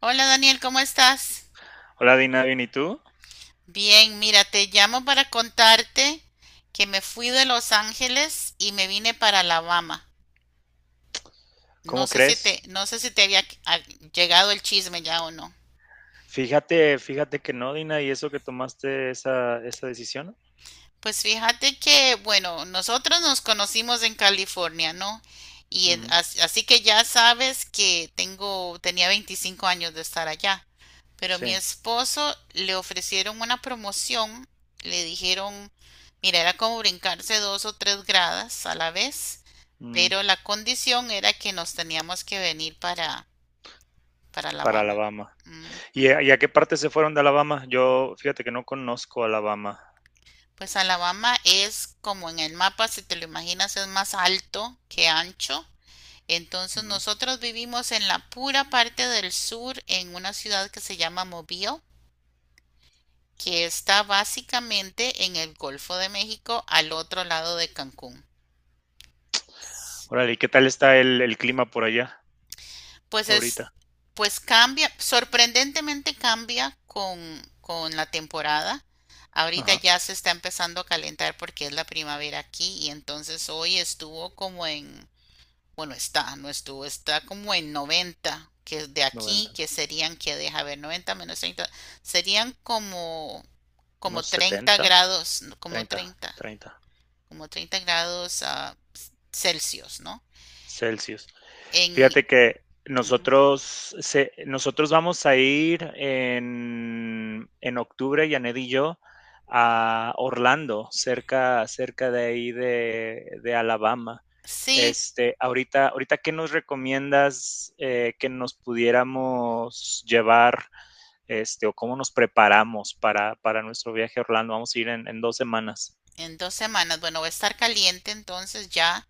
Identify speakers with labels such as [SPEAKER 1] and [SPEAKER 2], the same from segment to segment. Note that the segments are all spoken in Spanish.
[SPEAKER 1] Hola Daniel, ¿cómo estás?
[SPEAKER 2] Hola Dina, bien, ¿y tú?
[SPEAKER 1] Bien, mira, te llamo para contarte que me fui de Los Ángeles y me vine para Alabama. No
[SPEAKER 2] ¿Cómo
[SPEAKER 1] sé si te,
[SPEAKER 2] crees?
[SPEAKER 1] no sé si te había llegado el chisme ya o no.
[SPEAKER 2] Fíjate que no, Dina, y eso que tomaste esa decisión.
[SPEAKER 1] Pues fíjate que, bueno, nosotros nos conocimos en California, ¿no? Y
[SPEAKER 2] Ujú.
[SPEAKER 1] así que ya sabes que tenía 25 años de estar allá. Pero mi
[SPEAKER 2] Sí.
[SPEAKER 1] esposo le ofrecieron una promoción, le dijeron, mira, era como brincarse dos o tres gradas a la vez,
[SPEAKER 2] Mm.
[SPEAKER 1] pero la condición era que nos teníamos que venir para,
[SPEAKER 2] Para
[SPEAKER 1] Alabama.
[SPEAKER 2] Alabama. ¿Y
[SPEAKER 1] Ujú.
[SPEAKER 2] a, y a qué parte se fueron de Alabama? Yo, fíjate que no conozco Alabama.
[SPEAKER 1] Pues Alabama es como en el mapa, si te lo imaginas, es más alto que ancho. Entonces
[SPEAKER 2] Ujú.
[SPEAKER 1] nosotros vivimos en la pura parte del sur, en una ciudad que se llama Mobile, que está básicamente en el Golfo de México, al otro lado de Cancún.
[SPEAKER 2] Órale, ¿y qué tal está el clima por allá
[SPEAKER 1] Pues es,
[SPEAKER 2] ahorita?
[SPEAKER 1] pues cambia, sorprendentemente cambia con la temporada. Ahorita
[SPEAKER 2] Ajá,
[SPEAKER 1] ya se está empezando a calentar porque es la primavera aquí y entonces hoy estuvo como en. Bueno, está, no estuvo, está como en 90 que de aquí,
[SPEAKER 2] 90,
[SPEAKER 1] que serían, que deja ver, 90 menos 30, serían como,
[SPEAKER 2] no,
[SPEAKER 1] 30
[SPEAKER 2] 70,
[SPEAKER 1] grados, no,
[SPEAKER 2] 30, 30
[SPEAKER 1] como 30 grados Celsius, ¿no?
[SPEAKER 2] Celsius.
[SPEAKER 1] En.
[SPEAKER 2] Fíjate que
[SPEAKER 1] Ujú.
[SPEAKER 2] nosotros, nosotros vamos a ir en octubre, Janet y yo, a Orlando, cerca, cerca de ahí de Alabama.
[SPEAKER 1] Sí,
[SPEAKER 2] Este, ahorita, ahorita, ¿qué nos recomiendas que nos pudiéramos llevar, este, o cómo nos preparamos para nuestro viaje a Orlando? Vamos a ir en 2 semanas.
[SPEAKER 1] en 2 semanas, bueno, va a estar caliente entonces ya,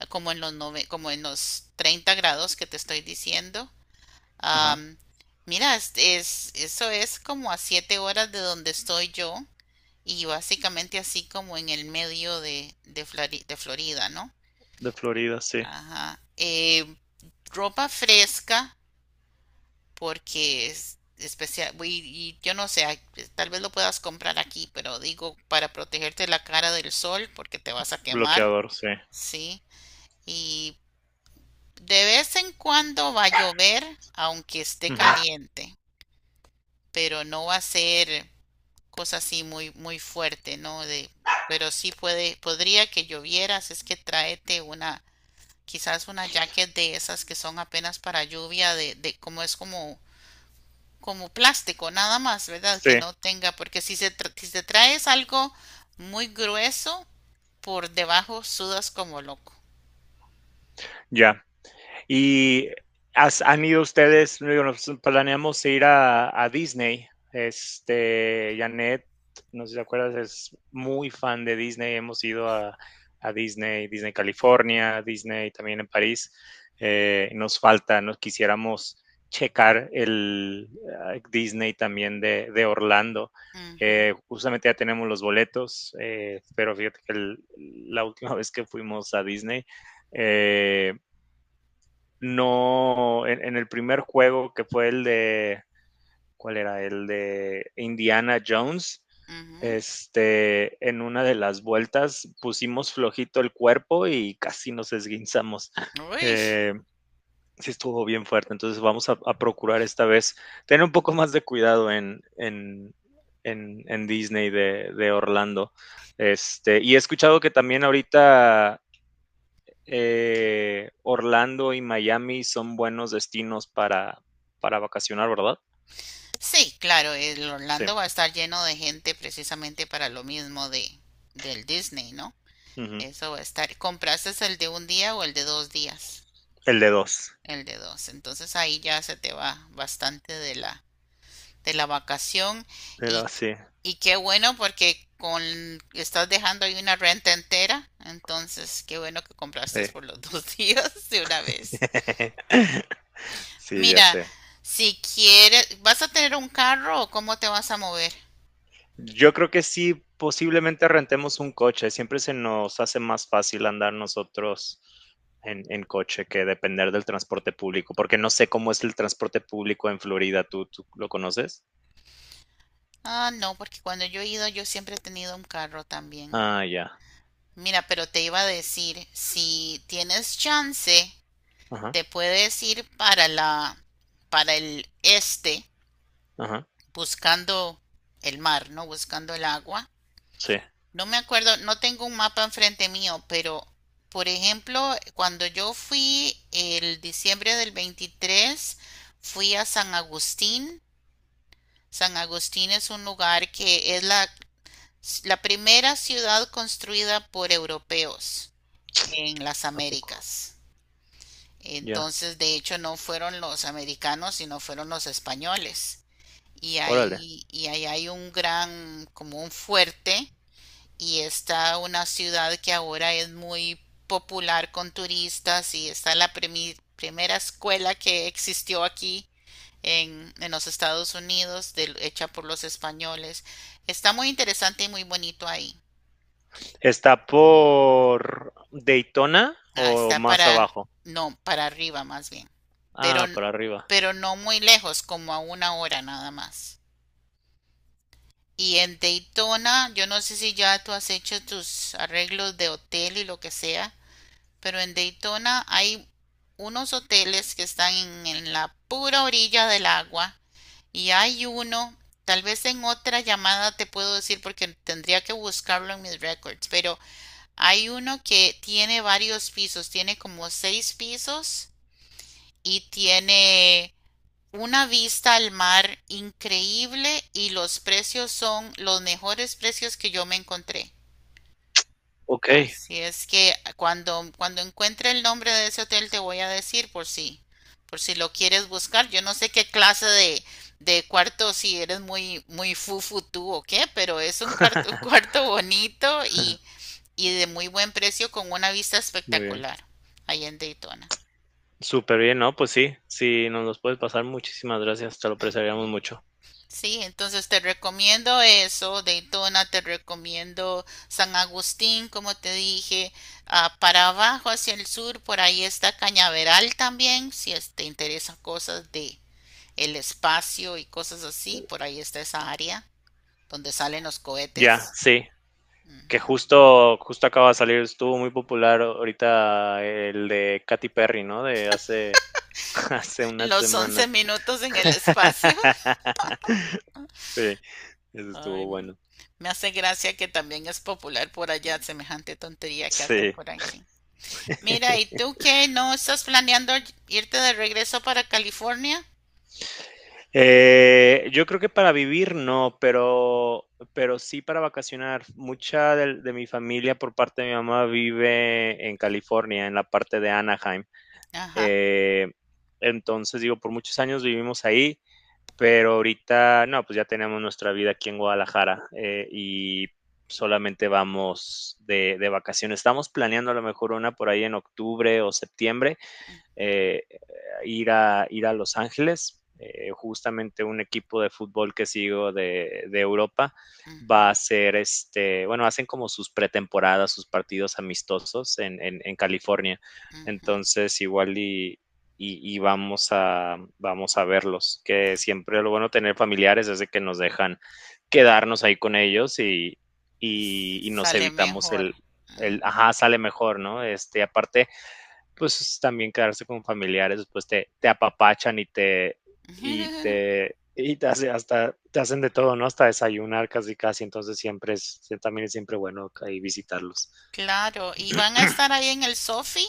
[SPEAKER 1] como en los 30 grados que te estoy diciendo.
[SPEAKER 2] Ajá.
[SPEAKER 1] Am, Mira, eso es como a 7 horas de donde estoy yo. Y básicamente así como en el medio de Florida, ¿no?
[SPEAKER 2] De Florida, sí.
[SPEAKER 1] Ajá. Ropa fresca, porque es especial, y yo no sé, ay, tal vez lo puedas comprar aquí, pero digo para protegerte la cara del sol, porque te vas a quemar,
[SPEAKER 2] Bloqueador, sí.
[SPEAKER 1] ¿sí? Y de vez en cuando va a llover, aunque esté
[SPEAKER 2] Ujú.
[SPEAKER 1] caliente, pero no va a ser cosa así muy, muy fuerte, ¿no? De, pero sí puede, podría que llovieras, es que tráete una, quizás una jacket de esas que son apenas para lluvia, de como es como plástico, nada más, ¿verdad?
[SPEAKER 2] Sí,
[SPEAKER 1] Que no tenga, porque si te traes algo muy grueso, por debajo sudas como loco.
[SPEAKER 2] ya. Y han ido ustedes, digo, nos planeamos ir a Disney. Este, Janet, no sé si te acuerdas, es muy fan de Disney. Hemos ido a Disney, Disney California, Disney también en París. Nos quisiéramos checar el Disney también de Orlando.
[SPEAKER 1] Ujú,
[SPEAKER 2] Justamente ya tenemos los boletos, pero fíjate que la última vez que fuimos a Disney, eh, no, en el primer juego que fue el de, ¿cuál era? El de Indiana Jones.
[SPEAKER 1] ujú.
[SPEAKER 2] Este, en una de las vueltas pusimos flojito el cuerpo y casi nos esguinzamos.
[SPEAKER 1] Uy.
[SPEAKER 2] Eh, sí estuvo bien fuerte, entonces vamos a procurar esta vez tener un poco más de cuidado en Disney de Orlando. Este, y he escuchado que también ahorita Orlando y Miami son buenos destinos para vacacionar, ¿verdad?
[SPEAKER 1] Sí, claro, el
[SPEAKER 2] Sí.
[SPEAKER 1] Orlando va a estar lleno de gente precisamente para lo mismo de del Disney, ¿no?
[SPEAKER 2] Ujú.
[SPEAKER 1] Eso va a estar. ¿Compraste el de un día o el de dos días?
[SPEAKER 2] El de dos.
[SPEAKER 1] El de dos. Entonces ahí ya se te va bastante de la, vacación.
[SPEAKER 2] Pero
[SPEAKER 1] Y,
[SPEAKER 2] sí,
[SPEAKER 1] y qué bueno porque con, estás dejando ahí una renta entera. Entonces, qué bueno que compraste
[SPEAKER 2] sí.
[SPEAKER 1] por los dos días de una vez.
[SPEAKER 2] Sí, ya
[SPEAKER 1] Mira,
[SPEAKER 2] sé.
[SPEAKER 1] si quieres, ¿vas a tener un carro o cómo te vas a mover?
[SPEAKER 2] Yo creo que sí, posiblemente rentemos un coche. Siempre se nos hace más fácil andar nosotros en coche que depender del transporte público, porque no sé cómo es el transporte público en Florida. ¿Tú lo conoces?
[SPEAKER 1] Ah, no, porque cuando yo he ido yo siempre he tenido un carro también.
[SPEAKER 2] Ah, ya.
[SPEAKER 1] Mira, pero te iba a decir, si tienes chance
[SPEAKER 2] Ajá,
[SPEAKER 1] te puedes ir para el este,
[SPEAKER 2] ajá.
[SPEAKER 1] buscando el mar, ¿no? Buscando el agua.
[SPEAKER 2] Sí.
[SPEAKER 1] No me acuerdo, no tengo un mapa enfrente mío, pero por ejemplo, cuando yo fui el diciembre del 23, fui a San Agustín. San Agustín es un lugar que es la primera ciudad construida por europeos en las
[SPEAKER 2] ¿A poco?
[SPEAKER 1] Américas.
[SPEAKER 2] Ya.
[SPEAKER 1] Entonces, de hecho, no fueron los americanos, sino fueron los españoles. Y
[SPEAKER 2] Órale.
[SPEAKER 1] ahí, y ahí hay un gran, como un fuerte, y está una ciudad que ahora es muy popular con turistas, y está la primera escuela que existió aquí en los Estados Unidos, hecha por los españoles. Está muy interesante y muy bonito ahí.
[SPEAKER 2] Está por Daytona o
[SPEAKER 1] Está
[SPEAKER 2] más
[SPEAKER 1] para,
[SPEAKER 2] abajo.
[SPEAKER 1] no, para arriba más bien. Pero,
[SPEAKER 2] Ah, por arriba.
[SPEAKER 1] pero no muy lejos, como a una hora nada más. Y en Daytona, yo no sé si ya tú has hecho tus arreglos de hotel y lo que sea, pero en Daytona hay unos hoteles que están en, la pura orilla del agua y hay uno, tal vez en otra llamada te puedo decir porque tendría que buscarlo en mis records, pero hay uno que tiene varios pisos, tiene como 6 pisos y tiene una vista al mar increíble y los precios son los mejores precios que yo me encontré.
[SPEAKER 2] Ok,
[SPEAKER 1] Así es que cuando, encuentre el nombre de ese hotel te voy a decir por si lo quieres buscar. Yo no sé qué clase de cuarto, si eres muy, muy fufu tú o qué, pero es un cuarto bonito y de muy buen precio con una vista
[SPEAKER 2] muy bien.
[SPEAKER 1] espectacular ahí en Daytona.
[SPEAKER 2] Súper bien, ¿no? Pues sí, si nos los puedes pasar, muchísimas gracias, te lo apreciaríamos
[SPEAKER 1] Ujú.
[SPEAKER 2] mucho.
[SPEAKER 1] Sí, entonces te recomiendo eso, Daytona, te recomiendo San Agustín, como te dije, para abajo hacia el sur, por ahí está Cañaveral también, si es- te interesan cosas de el espacio y cosas así, por ahí está esa área donde salen los
[SPEAKER 2] Ya,
[SPEAKER 1] cohetes.
[SPEAKER 2] sí, que
[SPEAKER 1] Ujú.
[SPEAKER 2] justo, justo acaba de salir, estuvo muy popular ahorita el de Katy Perry, ¿no? De hace, hace unas
[SPEAKER 1] Los once
[SPEAKER 2] semanas.
[SPEAKER 1] minutos en el espacio.
[SPEAKER 2] Sí, eso
[SPEAKER 1] Ay,
[SPEAKER 2] estuvo bueno.
[SPEAKER 1] me hace gracia que también es popular por allá, semejante tontería que hacen
[SPEAKER 2] Sí.
[SPEAKER 1] por aquí. Mira, ¿y tú qué? ¿No estás planeando irte de regreso para California?
[SPEAKER 2] Yo creo que para vivir no, pero sí para vacacionar. Mucha de mi familia por parte de mi mamá vive en California, en la parte de Anaheim.
[SPEAKER 1] Ajá.
[SPEAKER 2] Eh, entonces, digo, por muchos años vivimos ahí, pero ahorita no, pues ya tenemos nuestra vida aquí en Guadalajara y solamente vamos de vacaciones. Estamos planeando a lo mejor una por ahí en octubre o septiembre
[SPEAKER 1] Ujú,
[SPEAKER 2] eh, ir a Los Ángeles. Justamente un equipo de fútbol que sigo de Europa
[SPEAKER 1] ujú,
[SPEAKER 2] este, bueno, hacen como sus pretemporadas, sus partidos amistosos en California.
[SPEAKER 1] ujú.
[SPEAKER 2] Entonces, igual y, vamos a verlos, que siempre lo bueno tener familiares es de que nos dejan quedarnos ahí con ellos y nos
[SPEAKER 1] Sale
[SPEAKER 2] evitamos
[SPEAKER 1] mejor.
[SPEAKER 2] el ajá, sale mejor, ¿no? Este, aparte, pues también quedarse con familiares, después te apapachan
[SPEAKER 1] Ujú.
[SPEAKER 2] te hacen de todo, ¿no? Hasta desayunar casi casi, entonces siempre es, sí, también es siempre bueno ahí visitarlos.
[SPEAKER 1] Claro, ¿y van a estar ahí en el Sofi?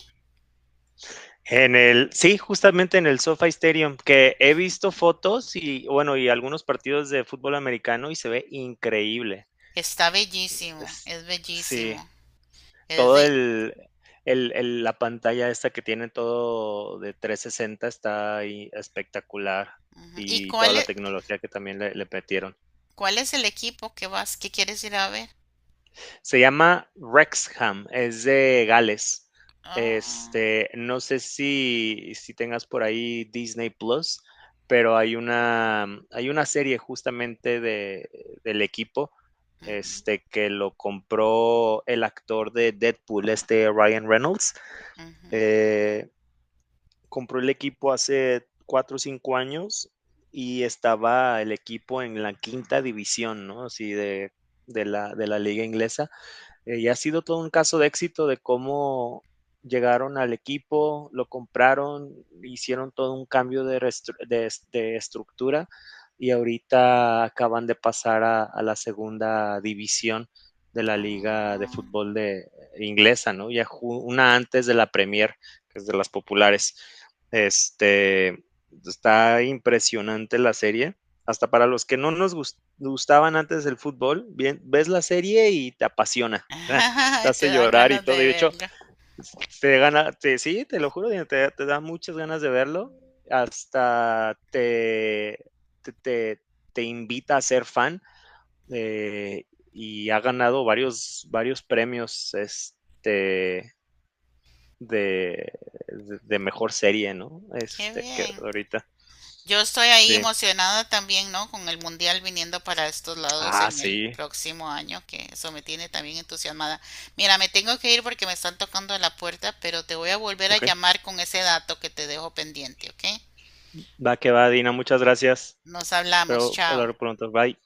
[SPEAKER 2] En el, sí, justamente en el SoFi Stadium, que he visto fotos y, bueno, y algunos partidos de fútbol americano y se ve increíble.
[SPEAKER 1] Está
[SPEAKER 2] Es- sí,
[SPEAKER 1] bellísimo. Es
[SPEAKER 2] todo
[SPEAKER 1] de...
[SPEAKER 2] la pantalla esta que tiene todo de 360 está ahí espectacular
[SPEAKER 1] Ujú. ¿Y
[SPEAKER 2] y toda la tecnología que también le metieron.
[SPEAKER 1] cuál es el equipo que quieres ir a ver?
[SPEAKER 2] Se llama Rexham, es de Gales.
[SPEAKER 1] Ah,
[SPEAKER 2] Este, no sé si tengas por ahí Disney Plus, pero hay una serie justamente del equipo
[SPEAKER 1] ujú,
[SPEAKER 2] este, que lo compró el actor de Deadpool, este Ryan Reynolds.
[SPEAKER 1] ujú,
[SPEAKER 2] Eh, Compró el equipo hace 4 o 5 años y estaba el equipo en la quinta división, ¿no? Así de la liga inglesa. Y ha sido todo un caso de éxito de cómo llegaron al equipo, lo compraron, hicieron todo un cambio de estructura y ahorita acaban de pasar a la segunda división de la liga de
[SPEAKER 1] ah.
[SPEAKER 2] fútbol de inglesa, ¿no? Ya una antes de la Premier, que es de las populares. Este está impresionante la serie. Hasta para los que no nos gustaban antes el fútbol, bien, ves la serie y te apasiona. Te
[SPEAKER 1] Te
[SPEAKER 2] hace
[SPEAKER 1] dan
[SPEAKER 2] llorar y
[SPEAKER 1] ganas de
[SPEAKER 2] todo. Y de hecho,
[SPEAKER 1] verla.
[SPEAKER 2] te gana, te, sí, te lo juro, te da muchas ganas de verlo. Hasta te, te, te invita a ser fan eh, y ha ganado varios, varios premios este, de, de mejor serie, ¿no?
[SPEAKER 1] Qué
[SPEAKER 2] Este, que
[SPEAKER 1] bien.
[SPEAKER 2] ahorita.
[SPEAKER 1] Yo estoy ahí
[SPEAKER 2] Sí.
[SPEAKER 1] emocionada también, ¿no? Con el mundial viniendo para estos lados
[SPEAKER 2] Ah,
[SPEAKER 1] en el
[SPEAKER 2] sí.
[SPEAKER 1] próximo año, que eso me tiene también entusiasmada. Mira, me tengo que ir porque me están tocando a la puerta, pero te voy a volver a
[SPEAKER 2] Ok.
[SPEAKER 1] llamar con ese dato que te dejo pendiente, ¿ok?
[SPEAKER 2] Va que va, Dina. Muchas gracias.
[SPEAKER 1] Nos hablamos,
[SPEAKER 2] Espero
[SPEAKER 1] chao.
[SPEAKER 2] hablar pronto. Bye.